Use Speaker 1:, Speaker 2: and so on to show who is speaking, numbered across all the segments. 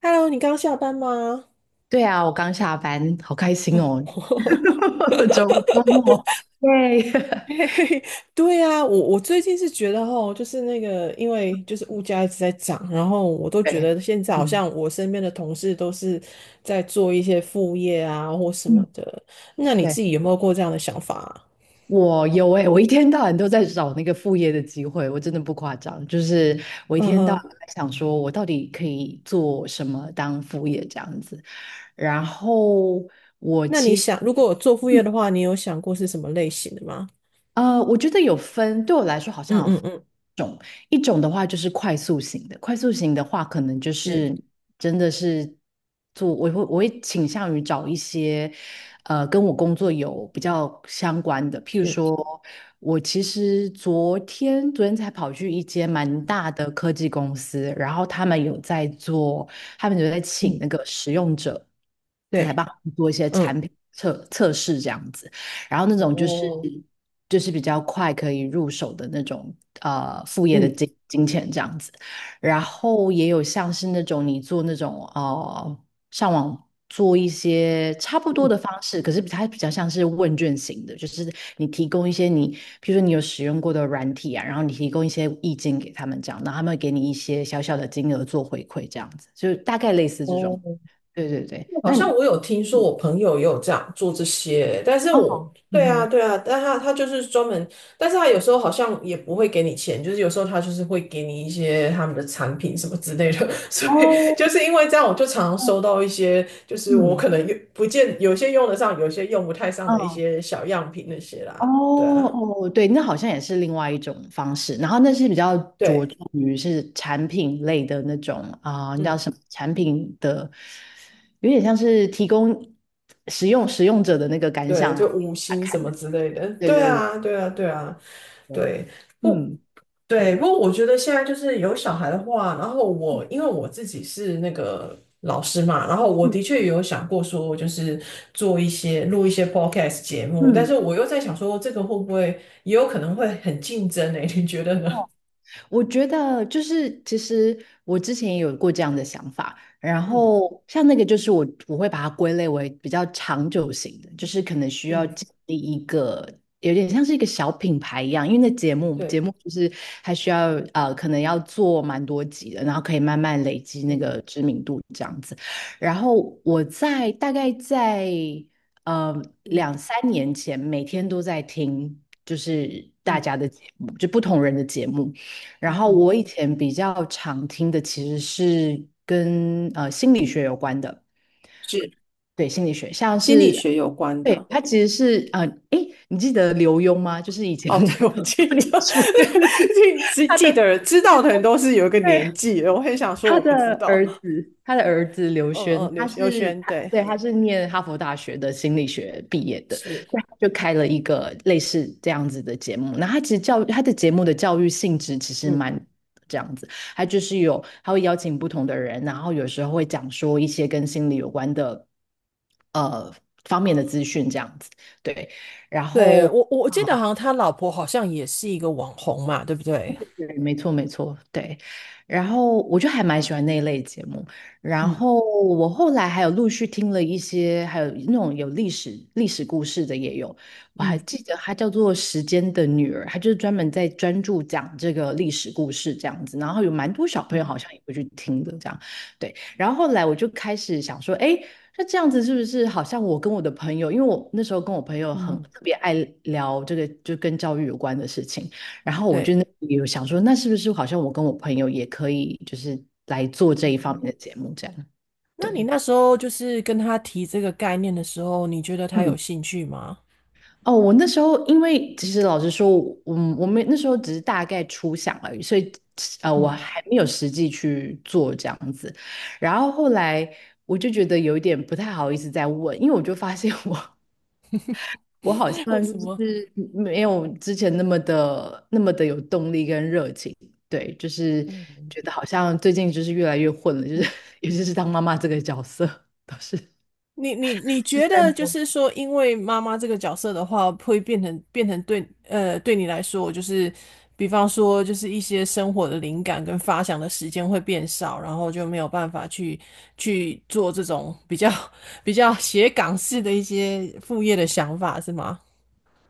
Speaker 1: Hello，你刚下班吗？
Speaker 2: 对啊，我刚下班，好开心哦，
Speaker 1: 哦
Speaker 2: 周周末，对
Speaker 1: 对啊，我我最近是觉得吼，就是那个，因为就是物价一直在涨，然后我都 觉
Speaker 2: 对，
Speaker 1: 得现在好
Speaker 2: 嗯
Speaker 1: 像我身边的同事都是在做一些副业啊或什么
Speaker 2: 嗯，
Speaker 1: 的。那你
Speaker 2: 对，
Speaker 1: 自己有没有过这样的想法啊？
Speaker 2: 我有哎，我一天到晚都在找那个副业的机会，我真的不夸张，就是我一
Speaker 1: 嗯
Speaker 2: 天到晚
Speaker 1: 哼。
Speaker 2: 在想说，我到底可以做什么当副业这样子，然后我
Speaker 1: 那你
Speaker 2: 其实。
Speaker 1: 想，如果我做副
Speaker 2: 嗯
Speaker 1: 业的话，你有想过是什么类型的吗？
Speaker 2: 我觉得有分，对我来说好
Speaker 1: 嗯
Speaker 2: 像有
Speaker 1: 嗯
Speaker 2: 分
Speaker 1: 嗯，
Speaker 2: 一种的话就是快速型的，快速型的话，可能就
Speaker 1: 是
Speaker 2: 是真的是做，我会倾向于找一些，跟我工作有比较相关的，譬如
Speaker 1: 是，
Speaker 2: 说，我其实昨天才跑去一间蛮大的科技公司，然后他们有在请
Speaker 1: 嗯，
Speaker 2: 那个使用者来
Speaker 1: 对，
Speaker 2: 帮他们做一些
Speaker 1: 嗯，
Speaker 2: 产品测试这样子。然后那种就是
Speaker 1: 哦，
Speaker 2: 比较快可以入手的那种副业的
Speaker 1: 嗯
Speaker 2: 金钱这样子，然后也有像是那种你做那种上网做一些差不多的方式，可是它比较像是问卷型的，就是你提供一些比如说你有使用过的软体啊，然后你提供一些意见给他们这样，然后他们会给你一些小小的金额做回馈这样子，就是大概类似这种。
Speaker 1: 哦。
Speaker 2: 对对对，
Speaker 1: 好
Speaker 2: 那你
Speaker 1: 像我有听说，我朋友也有这样做这些，但是我
Speaker 2: 哦，嗯
Speaker 1: 对啊，
Speaker 2: 哼，
Speaker 1: 对啊，但他他就是专门，但是他有时候好像也不会给你钱，就是有时候他就是会给你一些他们的产品什么之类的，所以
Speaker 2: 哦，
Speaker 1: 就是因为这样，我就常常收到一些，就是我
Speaker 2: 嗯。
Speaker 1: 可能用不见有些用得上，有些用不太上的一
Speaker 2: 嗯，
Speaker 1: 些小样品那些啦，对
Speaker 2: 哦
Speaker 1: 啊，
Speaker 2: 哦，对，那好像也是另外一种方式。然后那是比较着
Speaker 1: 对，
Speaker 2: 重于是产品类的那种啊，那叫
Speaker 1: 嗯，
Speaker 2: 什么产品的，有点像是提供使用者的那个感
Speaker 1: 对，
Speaker 2: 想，然
Speaker 1: 就
Speaker 2: 后给
Speaker 1: 五
Speaker 2: 大家
Speaker 1: 星什
Speaker 2: 看
Speaker 1: 么
Speaker 2: 的。
Speaker 1: 之类的，
Speaker 2: 对
Speaker 1: 对
Speaker 2: 对对
Speaker 1: 啊，对啊，对啊，
Speaker 2: 对，
Speaker 1: 对。不。
Speaker 2: 嗯
Speaker 1: 对，不过我觉得现在就是有小孩的话，然后我因为我自己是那个老师嘛，然后我
Speaker 2: 嗯
Speaker 1: 的确有想过说，就是做一些录一些 podcast 节目，但是
Speaker 2: 嗯，
Speaker 1: 我又在想说，这个会不会也有可能会很竞争呢、你觉得呢？
Speaker 2: 哦我觉得就是，其实我之前也有过这样的想法，然
Speaker 1: 嗯
Speaker 2: 后像那个就是我会把它归类为比较长久型的，就是可能需要
Speaker 1: 嗯，
Speaker 2: 建立一个有点像是一个小品牌一样，因为那节目节
Speaker 1: 对
Speaker 2: 目就是还需要可能要做蛮多集的，然后可以慢慢累积那
Speaker 1: 对，
Speaker 2: 个知名度这样子。然后我大概在呃
Speaker 1: 嗯
Speaker 2: 两三年前，每天都在听就是大
Speaker 1: 嗯
Speaker 2: 家的节目，就不同人的节目。然
Speaker 1: 嗯
Speaker 2: 后
Speaker 1: 嗯，
Speaker 2: 我以前比较常听的其实是跟心理学有关的，
Speaker 1: 是
Speaker 2: 对，心理学像
Speaker 1: 心理
Speaker 2: 是，
Speaker 1: 学有关
Speaker 2: 对，
Speaker 1: 的。
Speaker 2: 它其实是诶，你记得刘墉吗？就是以前我
Speaker 1: 哦，
Speaker 2: 们
Speaker 1: 对，我
Speaker 2: 讲
Speaker 1: 记
Speaker 2: 说脸
Speaker 1: 得，
Speaker 2: 书，
Speaker 1: 记
Speaker 2: 他
Speaker 1: 记
Speaker 2: 的
Speaker 1: 得知道的人都是有一个
Speaker 2: 对
Speaker 1: 年纪的我很想说
Speaker 2: 他
Speaker 1: 我不知
Speaker 2: 的
Speaker 1: 道。
Speaker 2: 儿子，他的儿子刘
Speaker 1: 嗯
Speaker 2: 轩，
Speaker 1: 嗯，刘
Speaker 2: 他
Speaker 1: 刘
Speaker 2: 是
Speaker 1: 轩，
Speaker 2: 他
Speaker 1: 对。
Speaker 2: 对，他是念哈佛大学的心理学毕业的，
Speaker 1: 是。
Speaker 2: 所以他就开了一个类似这样子的节目。那他其实教他的节目的教育性质其实
Speaker 1: 嗯，
Speaker 2: 蛮这样子，他就是有他会邀请不同的人，然后有时候会讲说一些跟心理有关的呃方面的资讯这样子，对，然
Speaker 1: 对，
Speaker 2: 后。
Speaker 1: 我记得
Speaker 2: 啊
Speaker 1: 好像他老婆好像也是一个网红嘛，对不对？
Speaker 2: 对，没错，没错，对。然后我就还蛮喜欢那一类节目。然
Speaker 1: 嗯
Speaker 2: 后我后来还有陆续听了一些，还有那种有历史故事的也有。我还
Speaker 1: 嗯
Speaker 2: 记得它叫做《时间的女儿》，它就是专门在专注讲这个历史故事这样子。然后有蛮多小朋友
Speaker 1: 嗯
Speaker 2: 好像也会去听的这样。对。然后后来我就开始想说，哎，那这样子是不是好像我跟我的朋友，因为我那时候跟我朋友很
Speaker 1: 嗯，
Speaker 2: 特别爱聊这个就跟教育有关的事情。然后我就
Speaker 1: 对。
Speaker 2: 那有想说，那是不是好像我跟我朋友也可以，就是来做这一方面的节目这样？
Speaker 1: 那你
Speaker 2: 对，
Speaker 1: 那时候就是跟他提这个概念的时候，你觉得他
Speaker 2: 嗯，
Speaker 1: 有兴趣吗？
Speaker 2: 哦，我那时候因为其实老实说，嗯，我们那时候只是大概初想而已，所以我
Speaker 1: 嗯，
Speaker 2: 还没有实际去做这样子。然后后来我就觉得有一点不太好意思再问，因为我就发现我 不
Speaker 1: 为
Speaker 2: 然
Speaker 1: 什
Speaker 2: 就
Speaker 1: 么？
Speaker 2: 是没有之前那么的有动力跟热情，对，就是
Speaker 1: 嗯。
Speaker 2: 觉得好像最近就是越来越混了，就是 尤其是当妈妈这个角色，都是就
Speaker 1: 你
Speaker 2: 是
Speaker 1: 觉
Speaker 2: 在
Speaker 1: 得就
Speaker 2: 摸。
Speaker 1: 是说，因为妈妈这个角色的话，会变成变成对呃对你来说，就是比方说就是一些生活的灵感跟发想的时间会变少，然后就没有办法去去做这种比较 比较写港式的一些副业的想法，是吗？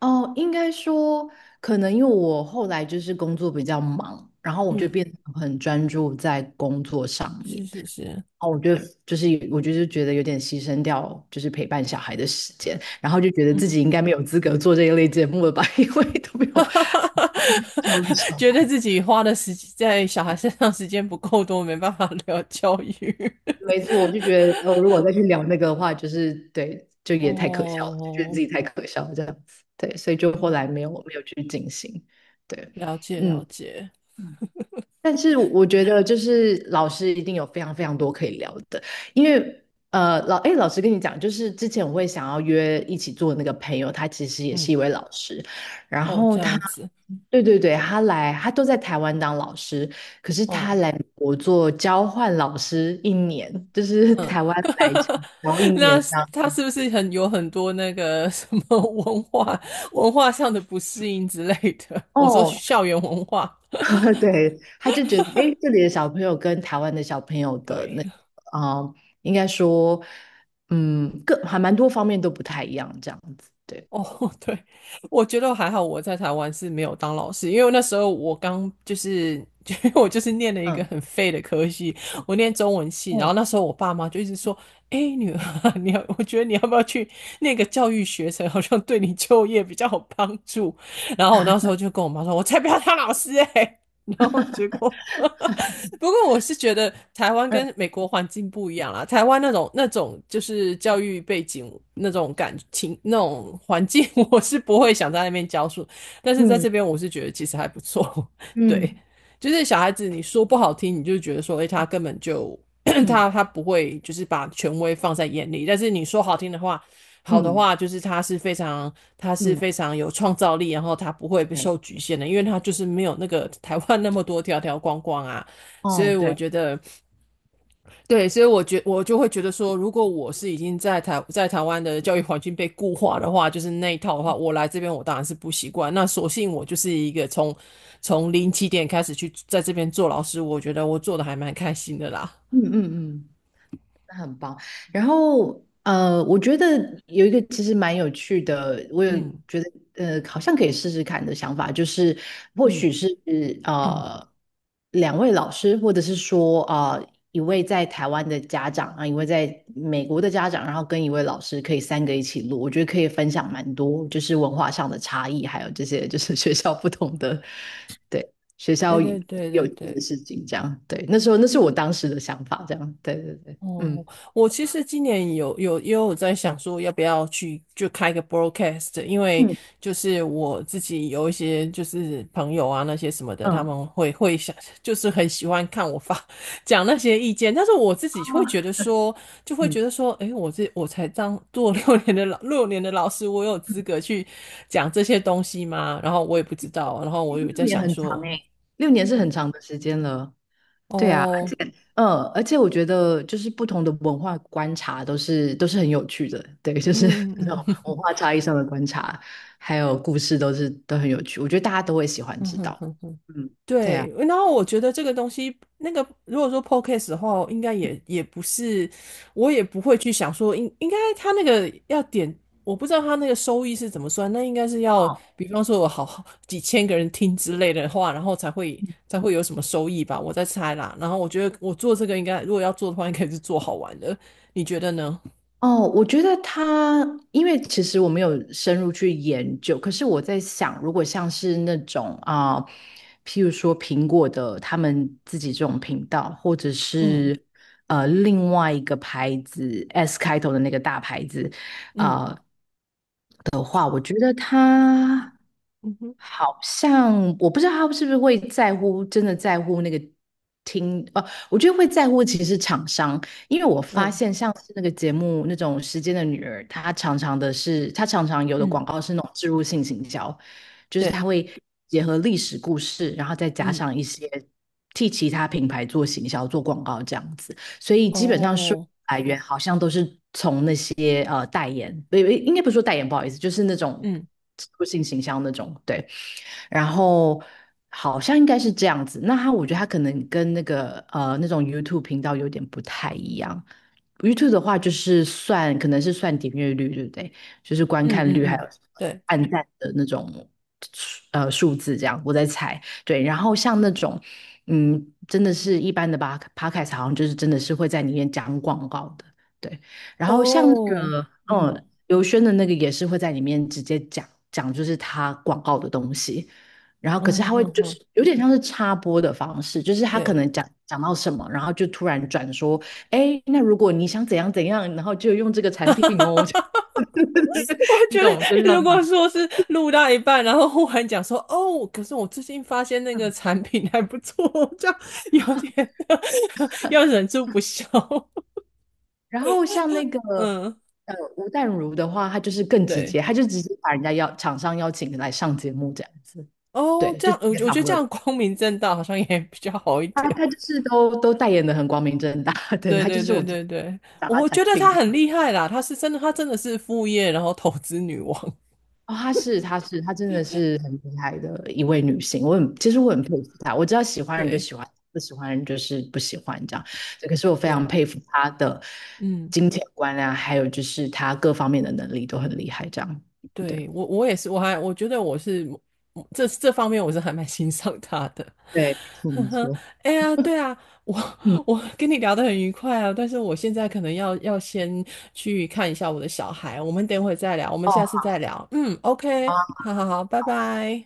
Speaker 2: 哦，应该说，可能因为我后来就是工作比较忙，然后我就
Speaker 1: 嗯，
Speaker 2: 变 得很专注在工作上面，
Speaker 1: 是
Speaker 2: 然
Speaker 1: 是是，
Speaker 2: 后我就是觉得有点牺牲掉就是陪伴小孩的时间，然后就觉得自
Speaker 1: 嗯，
Speaker 2: 己应该没有资格做这一类节目了吧，因为都没有。要求。
Speaker 1: 觉得自己花的时间在小孩身上时间不够多，没办法 聊教育。
Speaker 2: 没错，我就觉得，如果再去聊那个的话，就是对，就 也太可笑了，就觉得自
Speaker 1: 哦，
Speaker 2: 己太可笑了这样子，对，所以就后来
Speaker 1: 哇
Speaker 2: 没有去进行，对，
Speaker 1: 了解了
Speaker 2: 嗯。
Speaker 1: 解，
Speaker 2: 但是我觉得，就是老师一定有非常非常多可以聊的，因为老师跟你讲，就是之前我会想要约一起做的那个朋友，他其实也是
Speaker 1: 嗯，
Speaker 2: 一位老师，然
Speaker 1: 哦，
Speaker 2: 后
Speaker 1: 这样子，
Speaker 2: 对对对，他都在台湾当老师，可是他
Speaker 1: 哦，
Speaker 2: 来美国做交换老师一年，就是
Speaker 1: 嗯，
Speaker 2: 台湾来台 湾一年
Speaker 1: 那
Speaker 2: 这样。
Speaker 1: 他是不是很有很多那个什么 文化文化上的不适应之类的？我说
Speaker 2: 哦，
Speaker 1: 校园文化，
Speaker 2: 对，他就觉得，哎，这里的小朋友跟台湾的小朋友的
Speaker 1: 对。
Speaker 2: 那个，嗯，应该说，嗯，各还蛮多方面都不太一样，这样子，对，
Speaker 1: 哦，对，我觉得还好，我在台湾是没有当老师，因为那时候我刚就是，因为我就是念了一
Speaker 2: 嗯，
Speaker 1: 个
Speaker 2: 嗯
Speaker 1: 很废的科系，我念中文系，然后
Speaker 2: 哦，
Speaker 1: 那时候我爸妈就一直说，哎，女儿 你要，我觉得你要不要去那个教育学程，好像对你就业比较有帮助。然后我那时候就跟我妈说，我才不要当老师哎、欸然后结果 不过我是觉得台湾
Speaker 2: 嗯
Speaker 1: 跟美国环境不一样啦，台湾那种那种就是教育背景那种感情那种环境，我是不会想在那边教书，但是在
Speaker 2: 嗯
Speaker 1: 这边我是觉得其实还不错，对，
Speaker 2: 嗯
Speaker 1: 就是小孩子你说不好听，你就觉得说，哎、欸他根本就
Speaker 2: 嗯
Speaker 1: 他他不会就是把权威放在眼里，但是你说好听的话。好的
Speaker 2: 嗯
Speaker 1: 话，就是他是非常，他是
Speaker 2: 嗯，
Speaker 1: 非常有创造力，然后他不会被
Speaker 2: 对，
Speaker 1: 受局限的，因为他就是没有那个台湾那么多条条框框啊，所
Speaker 2: 哦，
Speaker 1: 以我
Speaker 2: 对，
Speaker 1: 觉得，对，所以我觉我就会觉得说，如果我是已经在台在台湾的教育环境被固化的话，就是那一套的话，我来这边我当然是不习惯。那索性我就是一个从从零起点开始去在这边做老师，我觉得我做的还蛮开心的啦。
Speaker 2: 嗯嗯嗯。那很棒。然后我觉得有一个其实蛮有趣的，我有
Speaker 1: 嗯
Speaker 2: 觉得好像可以试试看的想法，就是或
Speaker 1: 嗯，
Speaker 2: 许是 呃两位老师，或者是说一位在台湾的家长啊，一位在美国的家长，然后跟一位老师可以3个一起录，我觉得可以分享蛮多，就是文化上的差异，还有这些就是 学校不同的，对，学
Speaker 1: 对
Speaker 2: 校
Speaker 1: 对对
Speaker 2: 有
Speaker 1: 对
Speaker 2: 趣的
Speaker 1: 对。
Speaker 2: 事情，这样，对，那时候那是我当时的想法，这样，对对对。嗯。
Speaker 1: 哦，我其实今年有因为我在想说要不要去就开个 broadcast，因为
Speaker 2: 嗯
Speaker 1: 就是我自己有一些就是朋友啊那些什么的，他
Speaker 2: 嗯
Speaker 1: 们会想就是很喜欢看我发 讲那些意见，但是我自己会觉
Speaker 2: 哦，
Speaker 1: 得说就会觉
Speaker 2: 嗯，
Speaker 1: 得说，诶，我才当做六年的老六年的老师，我有资格去讲这些东西吗？然后我也不知道，然后我有在
Speaker 2: 六年
Speaker 1: 想
Speaker 2: 很长
Speaker 1: 说，
Speaker 2: 哎，六年是很
Speaker 1: 嗯，
Speaker 2: 长的时间了。对啊，
Speaker 1: 哦，
Speaker 2: 嗯，而且我觉得就是不同的文化观察都是很有趣的，对，就是
Speaker 1: 嗯
Speaker 2: 那
Speaker 1: 嗯
Speaker 2: 种文
Speaker 1: 嗯
Speaker 2: 化差异上的观察，还有故事都很有趣，我觉得大家都会喜欢
Speaker 1: 嗯
Speaker 2: 知道。
Speaker 1: 哼
Speaker 2: 嗯，对啊，
Speaker 1: 对，然后我觉得这个东西，那个如果说 podcast 的话，应该也不是，我也不会去想说应该他那个要点，我不知道他那个收益是怎么算，那应该是要，
Speaker 2: 哦。
Speaker 1: 比方说我好几千个人听之类的话，然后才会有什么收益吧，我在猜啦。然后我觉得我做这个应该，如果要做的话，应该是做好玩的，你觉得呢？
Speaker 2: 哦，我觉得它，因为其实我没有深入去研究，可是我在想，如果像是那种啊、譬如说苹果的他们自己这种频道，或者
Speaker 1: 嗯
Speaker 2: 是另外一个牌子 S 开头的那个大牌子，
Speaker 1: 嗯
Speaker 2: 啊、的话，我觉得它。
Speaker 1: 嗯哼
Speaker 2: 好像我不知道他是不是会在乎，真的在乎那个听，我觉得会在乎其实厂商，因为我发
Speaker 1: 嗯
Speaker 2: 现像是那个节目那种《时间的女儿》，她常常有的
Speaker 1: 嗯，
Speaker 2: 广告是那种植入性行销，就是她
Speaker 1: 对，
Speaker 2: 会结合历史故事，然后再加
Speaker 1: 嗯
Speaker 2: 上一些替其他品牌做行销、做广告这样子，所以基本上收入
Speaker 1: 哦，
Speaker 2: 来源好像都是接代言，不，应该不是说代言，不好意思，就是那种
Speaker 1: 嗯
Speaker 2: 植入性行销那种，对。然后好像应该是这样子。我觉得他可能跟那个那种 YouTube 频道有点不太一样。YouTube 的话就是可能是算点阅率，对不对？就是观
Speaker 1: 嗯
Speaker 2: 看率
Speaker 1: 嗯
Speaker 2: 还
Speaker 1: 嗯，
Speaker 2: 有
Speaker 1: 对。
Speaker 2: 按赞的那种数字这样，我在猜。对，然后像那种真的是一般的吧 Podcast 好像就是真的是会在里面讲广告的，对。然后像那
Speaker 1: 哦，
Speaker 2: 个
Speaker 1: 嗯
Speaker 2: 刘轩的那个也是会在里面直接讲，就是他广告的东西，然后可是
Speaker 1: 嗯
Speaker 2: 他会
Speaker 1: 哼
Speaker 2: 就是
Speaker 1: 哼，
Speaker 2: 有点像是插播的方式，就是他可
Speaker 1: 对，
Speaker 2: 能讲到什么，然后就突然转说，哎，那如果你想怎样怎样，然后就用这个产 品哦，
Speaker 1: 我
Speaker 2: 你
Speaker 1: 觉
Speaker 2: 懂，就是
Speaker 1: 得
Speaker 2: 这样
Speaker 1: 如果
Speaker 2: 子。
Speaker 1: 说是录到一半，然后忽然讲说哦，可是我最近发现那个产品还不错，这样有点 要忍住不笑。
Speaker 2: 然后像 那个
Speaker 1: 嗯，
Speaker 2: 吴淡如的话，他就是更直
Speaker 1: 对，
Speaker 2: 接，他就直接把人家厂商邀请来上节目这样子，
Speaker 1: 哦，
Speaker 2: 对，
Speaker 1: 这
Speaker 2: 就
Speaker 1: 样
Speaker 2: 直
Speaker 1: 我
Speaker 2: 接
Speaker 1: 觉我觉
Speaker 2: 访
Speaker 1: 得这
Speaker 2: 问
Speaker 1: 样光明正大好像也比较好一
Speaker 2: 他，
Speaker 1: 点。
Speaker 2: 他就是都代言的很光明正大，对，
Speaker 1: 对
Speaker 2: 他就
Speaker 1: 对
Speaker 2: 是
Speaker 1: 对
Speaker 2: 我讲
Speaker 1: 对对，
Speaker 2: 他
Speaker 1: 我
Speaker 2: 产
Speaker 1: 觉得
Speaker 2: 品
Speaker 1: 她
Speaker 2: 这
Speaker 1: 很
Speaker 2: 样
Speaker 1: 厉害啦，她是真的，她真的是副业，然后投资女王。
Speaker 2: 哦，她真的是很厉害的一位女性。其实我很佩服她。我知道喜 欢人就
Speaker 1: 对
Speaker 2: 喜欢，不喜欢人就是不喜欢这样。可是我非常
Speaker 1: 对，
Speaker 2: 佩服她的
Speaker 1: 嗯。
Speaker 2: 金钱观啊，还有就是她各方面的能力都很厉害。这样，对
Speaker 1: 对，我我也是，我还我觉得我是这方面我是还蛮欣赏他的，
Speaker 2: 对，没 错
Speaker 1: 呵
Speaker 2: 没
Speaker 1: 呵。
Speaker 2: 错。
Speaker 1: 哎呀，对啊，我
Speaker 2: 嗯，
Speaker 1: 我跟你聊得很愉快啊，但是我现在可能要先去看一下我的小孩，我们等会再聊，我们
Speaker 2: 哦，
Speaker 1: 下次再聊。嗯，OK，
Speaker 2: 好。
Speaker 1: 好好好，拜拜。